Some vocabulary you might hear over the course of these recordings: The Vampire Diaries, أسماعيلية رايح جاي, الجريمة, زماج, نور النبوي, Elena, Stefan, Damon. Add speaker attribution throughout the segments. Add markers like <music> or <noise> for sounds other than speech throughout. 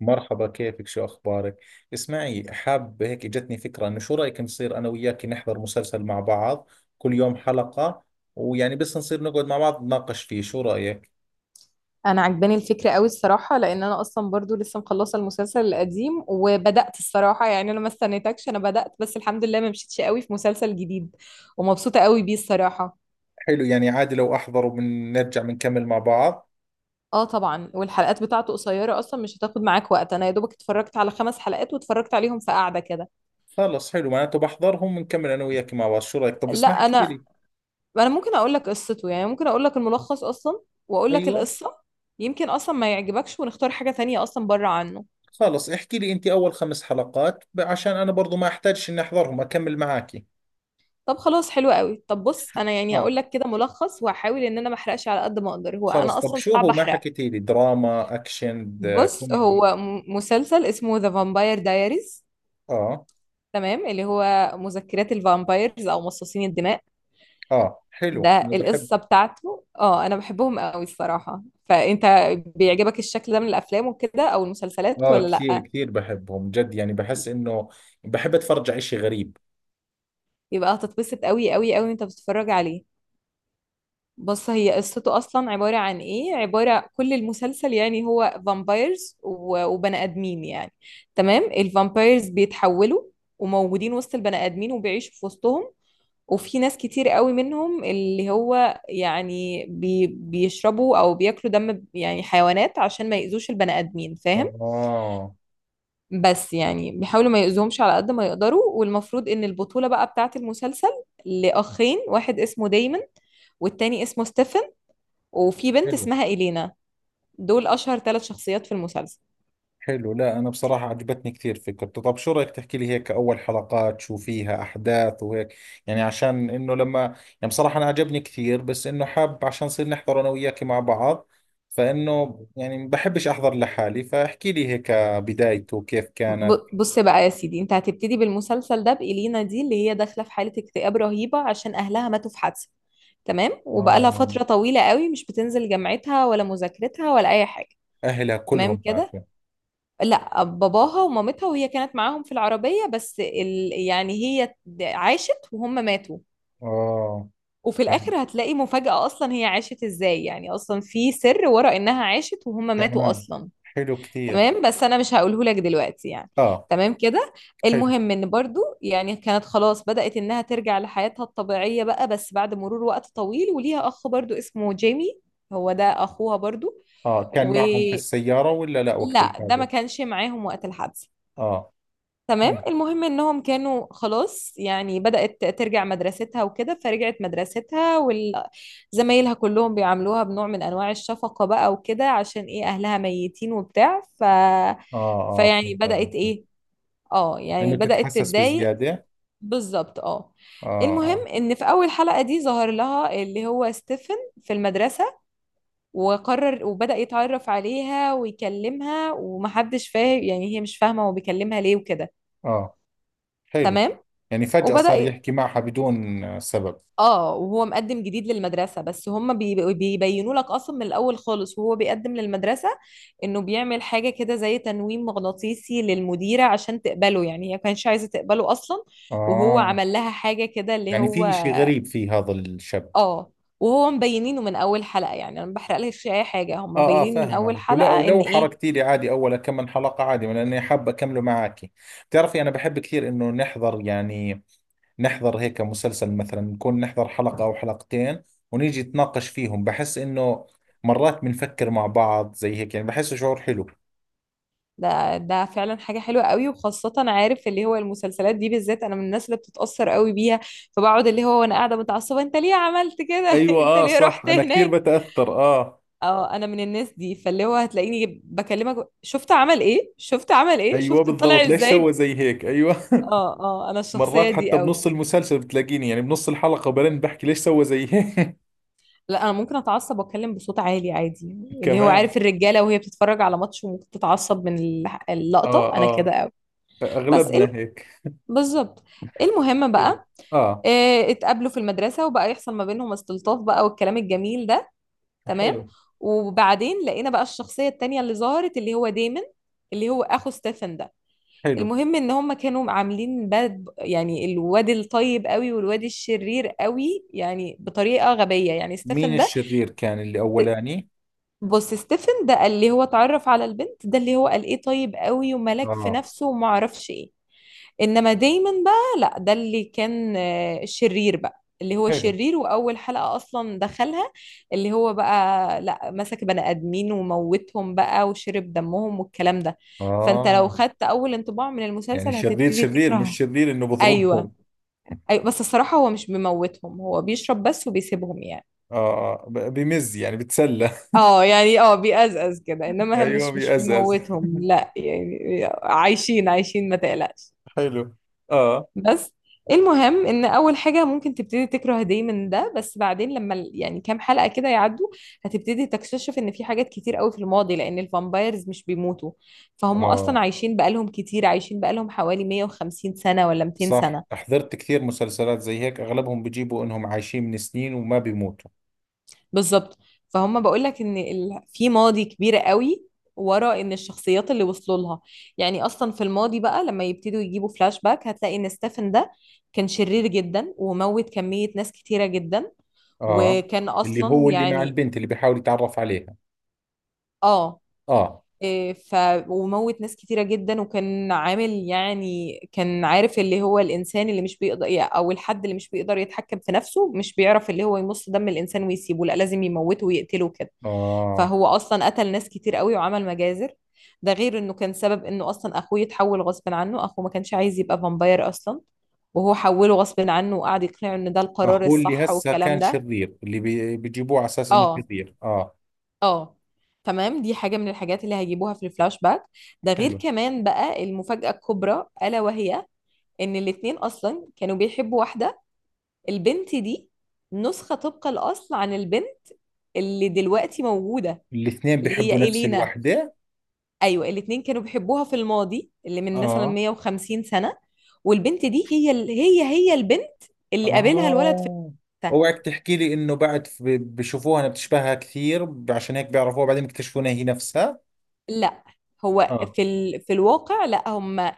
Speaker 1: مرحبا، كيفك؟ شو أخبارك؟ اسمعي، حاب هيك جتني فكرة إنه شو رأيك نصير أنا وياك نحضر مسلسل مع بعض؟ كل يوم حلقة. ويعني بس نصير نقعد مع بعض نناقش فيه، شو رأيك؟
Speaker 2: انا عجباني الفكره قوي الصراحه، لان انا اصلا برضو لسه مخلصه المسلسل القديم وبدات. الصراحه يعني انا ما استنيتكش، انا بدات. بس الحمد لله ما مشيتش قوي في مسلسل جديد، ومبسوطه قوي بيه الصراحه.
Speaker 1: حلو، يعني عادي لو أحضر وبنرجع بنكمل مع بعض.
Speaker 2: اه طبعا، والحلقات بتاعته قصيره اصلا، مش هتاخد معاك وقت. انا يا دوبك اتفرجت على خمس حلقات، واتفرجت عليهم في قعده كده.
Speaker 1: خلص، حلو، معناته بحضرهم بنكمل أنا وياك مع بعض، شو رأيك؟ طب
Speaker 2: لا
Speaker 1: اسمع، احكي
Speaker 2: انا.
Speaker 1: لي.
Speaker 2: انا ممكن اقول لك قصته، يعني ممكن اقول لك الملخص اصلا، واقول لك
Speaker 1: أيوة.
Speaker 2: القصه. يمكن اصلا ما يعجبكش ونختار حاجه تانية اصلا بره عنه.
Speaker 1: خلص احكي لي أنت أول خمس حلقات، عشان أنا برضو ما أحتاجش إني أحضرهم أكمل معاكي.
Speaker 2: طب خلاص حلو قوي. طب بص، انا يعني
Speaker 1: آه.
Speaker 2: هقول لك كده ملخص، وهحاول ان انا ما احرقش على قد ما اقدر. هو
Speaker 1: خلص،
Speaker 2: انا
Speaker 1: طب
Speaker 2: اصلا
Speaker 1: شو
Speaker 2: صعب
Speaker 1: هو ما
Speaker 2: احرق.
Speaker 1: حكيتي لي؟ دراما أكشن
Speaker 2: بص،
Speaker 1: كوميدي؟
Speaker 2: هو مسلسل اسمه ذا فامباير دايريز.
Speaker 1: آه.
Speaker 2: تمام، اللي هو مذكرات الفامبايرز او مصاصين الدماء.
Speaker 1: اه حلو،
Speaker 2: ده
Speaker 1: انا بحب.
Speaker 2: القصه بتاعته. اه انا بحبهم قوي الصراحه. فانت بيعجبك الشكل ده من الافلام وكده او المسلسلات
Speaker 1: اه،
Speaker 2: ولا
Speaker 1: كثير
Speaker 2: لا؟
Speaker 1: كثير بحبهم جد، يعني بحس انه بحب اتفرج على اشي غريب.
Speaker 2: يبقى هتتبسط قوي قوي قوي وانت بتتفرج عليه. بص، هي قصته اصلا عباره عن ايه؟ عباره كل المسلسل يعني هو فامبايرز وبني ادمين يعني. تمام، الفامبايرز بيتحولوا وموجودين وسط البني ادمين وبيعيشوا في وسطهم، وفي ناس كتير قوي منهم اللي هو يعني بيشربوا او بياكلوا دم يعني حيوانات عشان ما يأذوش البني ادمين، فاهم؟
Speaker 1: اه
Speaker 2: بس يعني بيحاولوا ما يأذوهمش على قد ما يقدروا. والمفروض ان البطوله بقى بتاعت المسلسل، لاخين: واحد اسمه دايمون، والتاني اسمه ستيفن، وفي بنت
Speaker 1: حلو.
Speaker 2: اسمها إلينا. دول أشهر ثلاث شخصيات في المسلسل.
Speaker 1: حلو، لا انا بصراحة عجبتني كثير فكرته. طب شو رأيك تحكي لي هيك اول حلقات شو فيها احداث وهيك؟ يعني عشان انه لما، يعني بصراحة انا عجبني كثير، بس انه حاب عشان نصير نحضر انا وياك مع بعض. فانه يعني بحبش احضر لحالي، فاحكي لي هيك بدايته كيف كانت.
Speaker 2: بص بقى يا سيدي، انت هتبتدي بالمسلسل ده بإلينا دي، اللي هي داخلة في حالة اكتئاب رهيبة عشان أهلها ماتوا في حادثة. تمام، وبقالها
Speaker 1: اه.
Speaker 2: فترة طويلة قوي مش بتنزل جامعتها ولا مذاكرتها ولا أي حاجة.
Speaker 1: اهلها
Speaker 2: تمام
Speaker 1: كلهم
Speaker 2: كده.
Speaker 1: ماتوا؟
Speaker 2: لا، باباها ومامتها وهي كانت معاهم في العربية، بس يعني هي عاشت وهم ماتوا.
Speaker 1: اه
Speaker 2: وفي الآخر هتلاقي مفاجأة أصلا، هي عاشت إزاي؟ يعني أصلا في سر ورا إنها عاشت وهم ماتوا
Speaker 1: تمام.
Speaker 2: أصلا.
Speaker 1: حلو كثير.
Speaker 2: تمام. بس انا مش هقوله لك دلوقتي يعني.
Speaker 1: اه
Speaker 2: تمام كده.
Speaker 1: حلو.
Speaker 2: المهم ان برضو يعني كانت خلاص بدأت انها ترجع لحياتها الطبيعية بقى، بس بعد مرور وقت طويل. وليها اخ برضو اسمه جيمي، هو ده اخوها برضو.
Speaker 1: اه، كان
Speaker 2: و
Speaker 1: معهم في السيارة ولا لا وقت
Speaker 2: لا ده ما
Speaker 1: الحادث؟
Speaker 2: كانش معاهم وقت الحادثة.
Speaker 1: اه
Speaker 2: تمام.
Speaker 1: تمام.
Speaker 2: المهم انهم كانوا خلاص، يعني بدأت ترجع مدرستها وكده، فرجعت مدرستها، وزمايلها كلهم بيعاملوها بنوع من انواع الشفقة بقى وكده، عشان ايه؟ اهلها ميتين وبتاع.
Speaker 1: اه اه
Speaker 2: فيعني
Speaker 1: فهمت
Speaker 2: بدأت
Speaker 1: عليك.
Speaker 2: ايه، اه يعني
Speaker 1: انه
Speaker 2: بدأت
Speaker 1: تتحسس
Speaker 2: تتضايق.
Speaker 1: بزيادة.
Speaker 2: بالظبط اه.
Speaker 1: اه. اه.
Speaker 2: المهم ان في اول حلقة دي ظهر لها اللي هو ستيفن في المدرسة، وقرر وبدأ يتعرف عليها ويكلمها، ومحدش فاهم. يعني هي مش فاهمة هو بيكلمها ليه وكده.
Speaker 1: اه حلو.
Speaker 2: تمام،
Speaker 1: يعني فجأة صار
Speaker 2: وبدأ.
Speaker 1: يحكي معها بدون سبب.
Speaker 2: اه، وهو مقدم جديد للمدرسة، بس هم بيبينوا لك اصلا من الاول خالص، وهو بيقدم للمدرسة، انه بيعمل حاجة كده زي تنويم مغناطيسي للمديرة عشان تقبله، يعني هي ما كانتش عايزة تقبله اصلا، وهو
Speaker 1: اه،
Speaker 2: عمل لها حاجة كده اللي
Speaker 1: يعني
Speaker 2: هو.
Speaker 1: في اشي غريب في هذا الشاب.
Speaker 2: اه، وهو مبينينه من اول حلقة. يعني انا ما بحرقلكش اي حاجة، هم
Speaker 1: اه اه
Speaker 2: مبينين من
Speaker 1: فاهم
Speaker 2: اول
Speaker 1: عليك، ولا
Speaker 2: حلقة ان
Speaker 1: ولو
Speaker 2: ايه.
Speaker 1: حركتي لي عادي اول كم من حلقة، عادي لاني حاب اكمله معك. بتعرفي انا بحب كثير انه نحضر، يعني نحضر هيك مسلسل، مثلا نكون نحضر حلقة أو حلقتين ونيجي نتناقش فيهم. بحس إنه مرات بنفكر مع بعض زي هيك، يعني بحسه شعور حلو.
Speaker 2: ده فعلا حاجة حلوة قوي، وخاصة عارف اللي هو المسلسلات دي بالذات، انا من الناس اللي بتتأثر قوي بيها، فبقعد اللي هو وانا قاعدة متعصبة: انت ليه عملت كده <laughs>
Speaker 1: ايوه،
Speaker 2: انت
Speaker 1: اه
Speaker 2: ليه
Speaker 1: صح
Speaker 2: رحت
Speaker 1: انا كثير
Speaker 2: هناك.
Speaker 1: بتاثر، اه.
Speaker 2: اه انا من الناس دي، فاللي هو هتلاقيني بكلمك: شفت عمل ايه، شفت عمل ايه،
Speaker 1: ايوه
Speaker 2: شفت
Speaker 1: بالضبط،
Speaker 2: طلع
Speaker 1: ليش سوى
Speaker 2: ازاي.
Speaker 1: زي هيك؟ ايوه.
Speaker 2: اه اه، انا
Speaker 1: <laughs> مرات
Speaker 2: الشخصية دي
Speaker 1: حتى
Speaker 2: قوي.
Speaker 1: بنص المسلسل بتلاقيني، يعني بنص الحلقه، وبعدين بحكي ليش سوى زي هيك.
Speaker 2: لا انا ممكن اتعصب واتكلم بصوت عالي عادي،
Speaker 1: <laughs>
Speaker 2: اللي هو
Speaker 1: كمان.
Speaker 2: عارف الرجالة وهي بتتفرج على ماتش وممكن تتعصب من اللقطة.
Speaker 1: اه
Speaker 2: انا
Speaker 1: اه،
Speaker 2: كده قوي. بس ايه
Speaker 1: اغلبنا هيك.
Speaker 2: بالظبط. إيه المهم
Speaker 1: حلو.
Speaker 2: بقى،
Speaker 1: اه.
Speaker 2: اتقابلوا في المدرسة، وبقى يحصل ما بينهم استلطاف بقى والكلام الجميل ده. تمام.
Speaker 1: حلو
Speaker 2: وبعدين لقينا بقى الشخصية التانية اللي ظهرت اللي هو ديمن، اللي هو اخو ستيفن ده.
Speaker 1: حلو،
Speaker 2: المهم ان هم كانوا عاملين باد، يعني الواد الطيب قوي والواد الشرير قوي، يعني بطريقة غبية يعني.
Speaker 1: مين
Speaker 2: ستيفن ده،
Speaker 1: الشرير كان اللي أولاني؟
Speaker 2: بص ستيفن ده اللي هو اتعرف على البنت، ده اللي هو قال ايه طيب قوي وملاك في
Speaker 1: اه
Speaker 2: نفسه وما اعرفش ايه. انما دايما بقى لا، ده اللي كان شرير بقى، اللي هو
Speaker 1: حلو.
Speaker 2: شرير، واول حلقة اصلا دخلها اللي هو بقى، لا، مسك بني ادمين وموتهم بقى وشرب دمهم والكلام ده. فانت لو
Speaker 1: آه،
Speaker 2: خدت اول انطباع من
Speaker 1: يعني
Speaker 2: المسلسل
Speaker 1: شرير
Speaker 2: هتبتدي
Speaker 1: شرير، مش
Speaker 2: تكره.
Speaker 1: شرير انه
Speaker 2: ايوه
Speaker 1: بضربهم.
Speaker 2: ايوه، بس الصراحة هو مش بيموتهم، هو بيشرب بس وبيسيبهم يعني.
Speaker 1: اه، بمز، يعني بتسلى.
Speaker 2: اه يعني اه بيقزقز كده،
Speaker 1: <laughs>
Speaker 2: انما هم
Speaker 1: ايوه
Speaker 2: مش
Speaker 1: بيأزأز.
Speaker 2: بيموتهم لا، يعني عايشين عايشين ما تقلقش.
Speaker 1: حلو. اه
Speaker 2: بس المهم ان اول حاجه ممكن تبتدي تكره دايما من ده، بس بعدين لما يعني كام حلقه كده يعدوا، هتبتدي تكتشف ان في حاجات كتير قوي في الماضي، لان الفامبايرز مش بيموتوا، فهم اصلا
Speaker 1: اه
Speaker 2: عايشين بقالهم كتير، عايشين بقالهم حوالي 150 سنه ولا 200
Speaker 1: صح،
Speaker 2: سنه.
Speaker 1: حضرت كثير مسلسلات زي هيك اغلبهم بيجيبوا انهم عايشين من سنين وما بيموتوا.
Speaker 2: بالظبط. فهم بقول لك ان في ماضي كبير قوي ورا ان الشخصيات اللي وصلوا لها. يعني اصلا في الماضي بقى لما يبتدوا يجيبوا فلاش باك، هتلاقي ان ستيفن ده كان شرير جدا وموت كمية ناس كتيرة جدا،
Speaker 1: اه،
Speaker 2: وكان
Speaker 1: اللي
Speaker 2: اصلا
Speaker 1: هو اللي مع
Speaker 2: يعني
Speaker 1: البنت اللي بيحاول يتعرف عليها.
Speaker 2: اه
Speaker 1: اه.
Speaker 2: إيه، ف وموت ناس كتيرة جدا، وكان عامل يعني كان عارف اللي هو الإنسان اللي مش بيقدر، أو الحد اللي مش بيقدر يتحكم في نفسه، مش بيعرف اللي هو يمص دم الإنسان ويسيبه، لا لازم يموته ويقتله كده.
Speaker 1: اه.
Speaker 2: فهو أصلا قتل ناس كتير قوي وعمل مجازر. ده غير إنه كان سبب إنه أصلا أخوه يتحول غصب عنه. أخوه ما كانش عايز يبقى فامباير أصلا، وهو حوله غصب عنه وقعد يقنعه إن ده القرار
Speaker 1: اخوه اللي
Speaker 2: الصح
Speaker 1: هسه
Speaker 2: والكلام
Speaker 1: كان
Speaker 2: ده.
Speaker 1: شرير اللي بيجيبوه على اساس انه
Speaker 2: اه
Speaker 1: شرير، اه.
Speaker 2: اه. تمام، دي حاجة من الحاجات اللي هيجيبوها في الفلاش باك. ده غير
Speaker 1: حلو.
Speaker 2: كمان بقى المفاجأة الكبرى ألا وهي إن الاتنين أصلا كانوا بيحبوا واحدة، البنت دي نسخة طبق الأصل عن البنت اللي دلوقتي موجودة،
Speaker 1: الاثنين
Speaker 2: اللي هي
Speaker 1: بيحبوا نفس
Speaker 2: إلينا.
Speaker 1: الوحدة؟
Speaker 2: أيوة الاتنين كانوا بيحبوها في الماضي اللي من مثلا
Speaker 1: اه.
Speaker 2: 150 سنة. والبنت دي هي هي هي البنت اللي قابلها الولد في.
Speaker 1: آه، اوعك تحكي لي انه بعد بشوفوها انها بتشبهها كثير عشان هيك بيعرفوها، بعدين بيكتشفوا انها هي نفسها.
Speaker 2: لا هو
Speaker 1: اه.
Speaker 2: في في الواقع لا، هم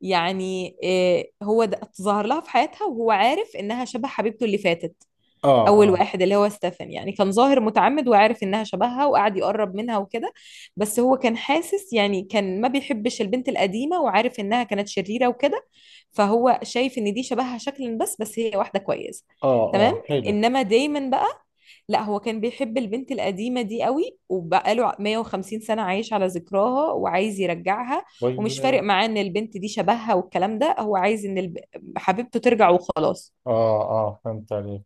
Speaker 2: يعني إيه، هو ده ظهر لها في حياتها وهو عارف انها شبه حبيبته اللي فاتت.
Speaker 1: اه.
Speaker 2: اول
Speaker 1: اه.
Speaker 2: واحد اللي هو ستيفن يعني كان ظاهر متعمد وعارف انها شبهها وقعد يقرب منها وكده. بس هو كان حاسس يعني، كان ما بيحبش البنت القديمة وعارف انها كانت شريرة وكده، فهو شايف ان دي شبهها شكلا بس، هي واحدة كويسة.
Speaker 1: اه.
Speaker 2: تمام.
Speaker 1: اه حلو.
Speaker 2: انما دايما بقى لا، هو كان بيحب البنت القديمة دي قوي وبقاله 150 سنة عايش على ذكراها وعايز يرجعها،
Speaker 1: طيب.
Speaker 2: ومش فارق
Speaker 1: اه
Speaker 2: معاه ان البنت دي شبهها والكلام ده. هو عايز ان حبيبته ترجع وخلاص.
Speaker 1: اه فهمت عليك.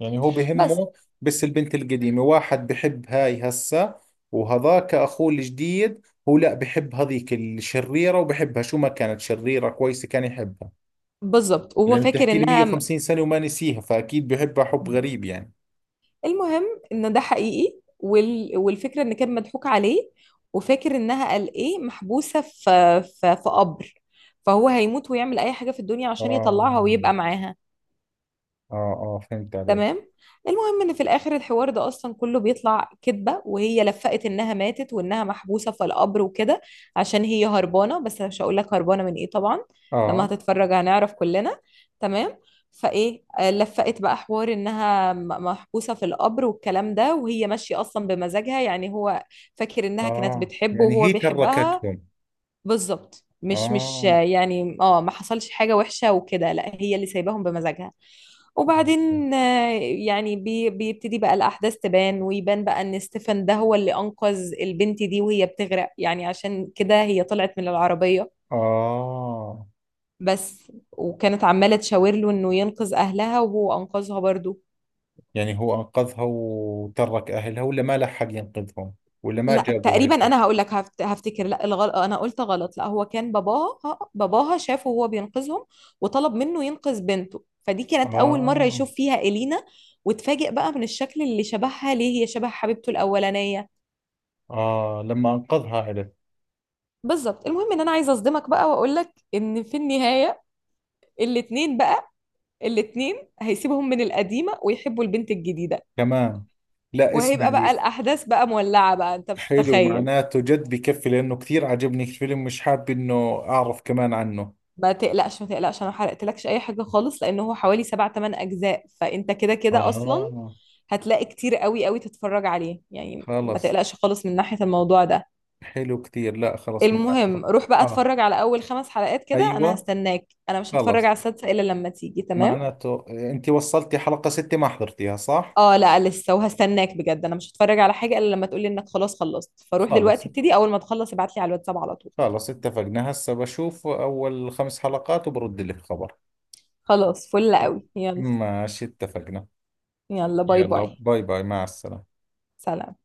Speaker 1: يعني هو
Speaker 2: بس
Speaker 1: بهمه بس البنت القديمة، واحد بحب هاي هسه وهذاك اخوه الجديد. هو لا، بحب هذيك الشريرة وبحبها شو ما كانت، شريرة كويسة كان يحبها.
Speaker 2: بالظبط. وهو
Speaker 1: لأنه
Speaker 2: فاكر
Speaker 1: بتحكي لي
Speaker 2: انها م-
Speaker 1: 150 سنة وما نسيها، فأكيد بحبها حب غريب يعني.
Speaker 2: المهم ان ده حقيقي، والفكرة ان كان مضحوك عليه، وفاكر انها قال ايه محبوسة في في قبر، فهو هيموت ويعمل اي حاجة في الدنيا عشان
Speaker 1: اه.
Speaker 2: يطلعها ويبقى معاها.
Speaker 1: اه اه فهمت عليك.
Speaker 2: تمام. المهم ان في الاخر الحوار ده اصلا كله بيطلع كذبه، وهي لفقت انها ماتت وانها محبوسه في القبر وكده، عشان هي هربانه، بس أنا مش هقول لك هربانه من ايه طبعا. لما
Speaker 1: اه
Speaker 2: هتتفرج هنعرف كلنا. تمام. فايه لفقت بقى حوار انها محبوسه في القبر والكلام ده، وهي ماشيه اصلا بمزاجها، يعني هو فاكر انها كانت
Speaker 1: اه،
Speaker 2: بتحبه
Speaker 1: يعني
Speaker 2: وهو
Speaker 1: هي
Speaker 2: بيحبها.
Speaker 1: تركتهم.
Speaker 2: بالظبط، مش مش آه،
Speaker 1: اه.
Speaker 2: يعني اه ما حصلش حاجه وحشه وكده، لا هي اللي سايباهم بمزاجها.
Speaker 1: اه
Speaker 2: وبعدين يعني بيبتدي بقى الأحداث تبان، ويبان بقى إن ستيفن ده هو اللي أنقذ البنت دي وهي بتغرق. يعني عشان كده هي طلعت من العربية
Speaker 1: آه.
Speaker 2: بس، وكانت عمالة تشاور له إنه ينقذ أهلها، وهو أنقذها برضو.
Speaker 1: يعني هو انقذها وترك اهلها ولا ما لحق ينقذهم؟ ولا ما
Speaker 2: لا
Speaker 1: جابوا هاي
Speaker 2: تقريبا،
Speaker 1: الأرض؟
Speaker 2: أنا هقول لك هفتكر. لا الغلط، أنا قلت غلط. لا هو كان باباها شافه وهو بينقذهم، وطلب منه ينقذ بنته، فدي كانت أول مرة
Speaker 1: آه.
Speaker 2: يشوف فيها إلينا، وتفاجئ بقى من الشكل اللي شبهها ليه، هي شبه حبيبته الأولانية.
Speaker 1: آه لما أنقذها عرف.
Speaker 2: بالظبط. المهم ان انا عايزه اصدمك بقى واقول لك ان في النهايه الاتنين بقى، الاتنين هيسيبهم من القديمه ويحبوا البنت الجديده،
Speaker 1: كمان؟ لا
Speaker 2: وهيبقى بقى
Speaker 1: اسمعي،
Speaker 2: الاحداث بقى مولعه بقى، انت مش
Speaker 1: حلو
Speaker 2: متخيل.
Speaker 1: معناته، جد بكفي لأنه كثير عجبني الفيلم، مش حاب إنه أعرف كمان عنه.
Speaker 2: ما تقلقش ما تقلقش، انا ما حرقتلكش اي حاجه خالص، لان هو حوالي سبع تمن اجزاء، فانت كده كده اصلا
Speaker 1: آه.
Speaker 2: هتلاقي كتير قوي قوي تتفرج عليه، يعني ما
Speaker 1: خلص
Speaker 2: تقلقش خالص من ناحيه الموضوع ده.
Speaker 1: حلو كثير، لا خلص معناته.
Speaker 2: المهم روح بقى
Speaker 1: آه
Speaker 2: اتفرج على اول خمس حلقات كده، انا
Speaker 1: أيوة.
Speaker 2: هستناك، انا مش هتفرج على
Speaker 1: خلص
Speaker 2: السادسه الا لما تيجي. تمام.
Speaker 1: معناته انت وصلتي حلقة ستة ما حضرتيها، صح؟
Speaker 2: اه لا لسه، وهستناك بجد، انا مش هتفرج على حاجه الا لما تقولي انك خلاص خلصت، فروح
Speaker 1: خلص.
Speaker 2: دلوقتي ابتدي، اول ما تخلص ابعت لي على الواتساب على طول.
Speaker 1: خلص، اتفقنا. هسه بشوف اول خمس حلقات وبرد لك خبر.
Speaker 2: خلاص فل
Speaker 1: م-
Speaker 2: قوي يلا.
Speaker 1: ماشي، اتفقنا.
Speaker 2: يلا باي
Speaker 1: يلا
Speaker 2: باي.
Speaker 1: باي باي، مع السلامة.
Speaker 2: سلام.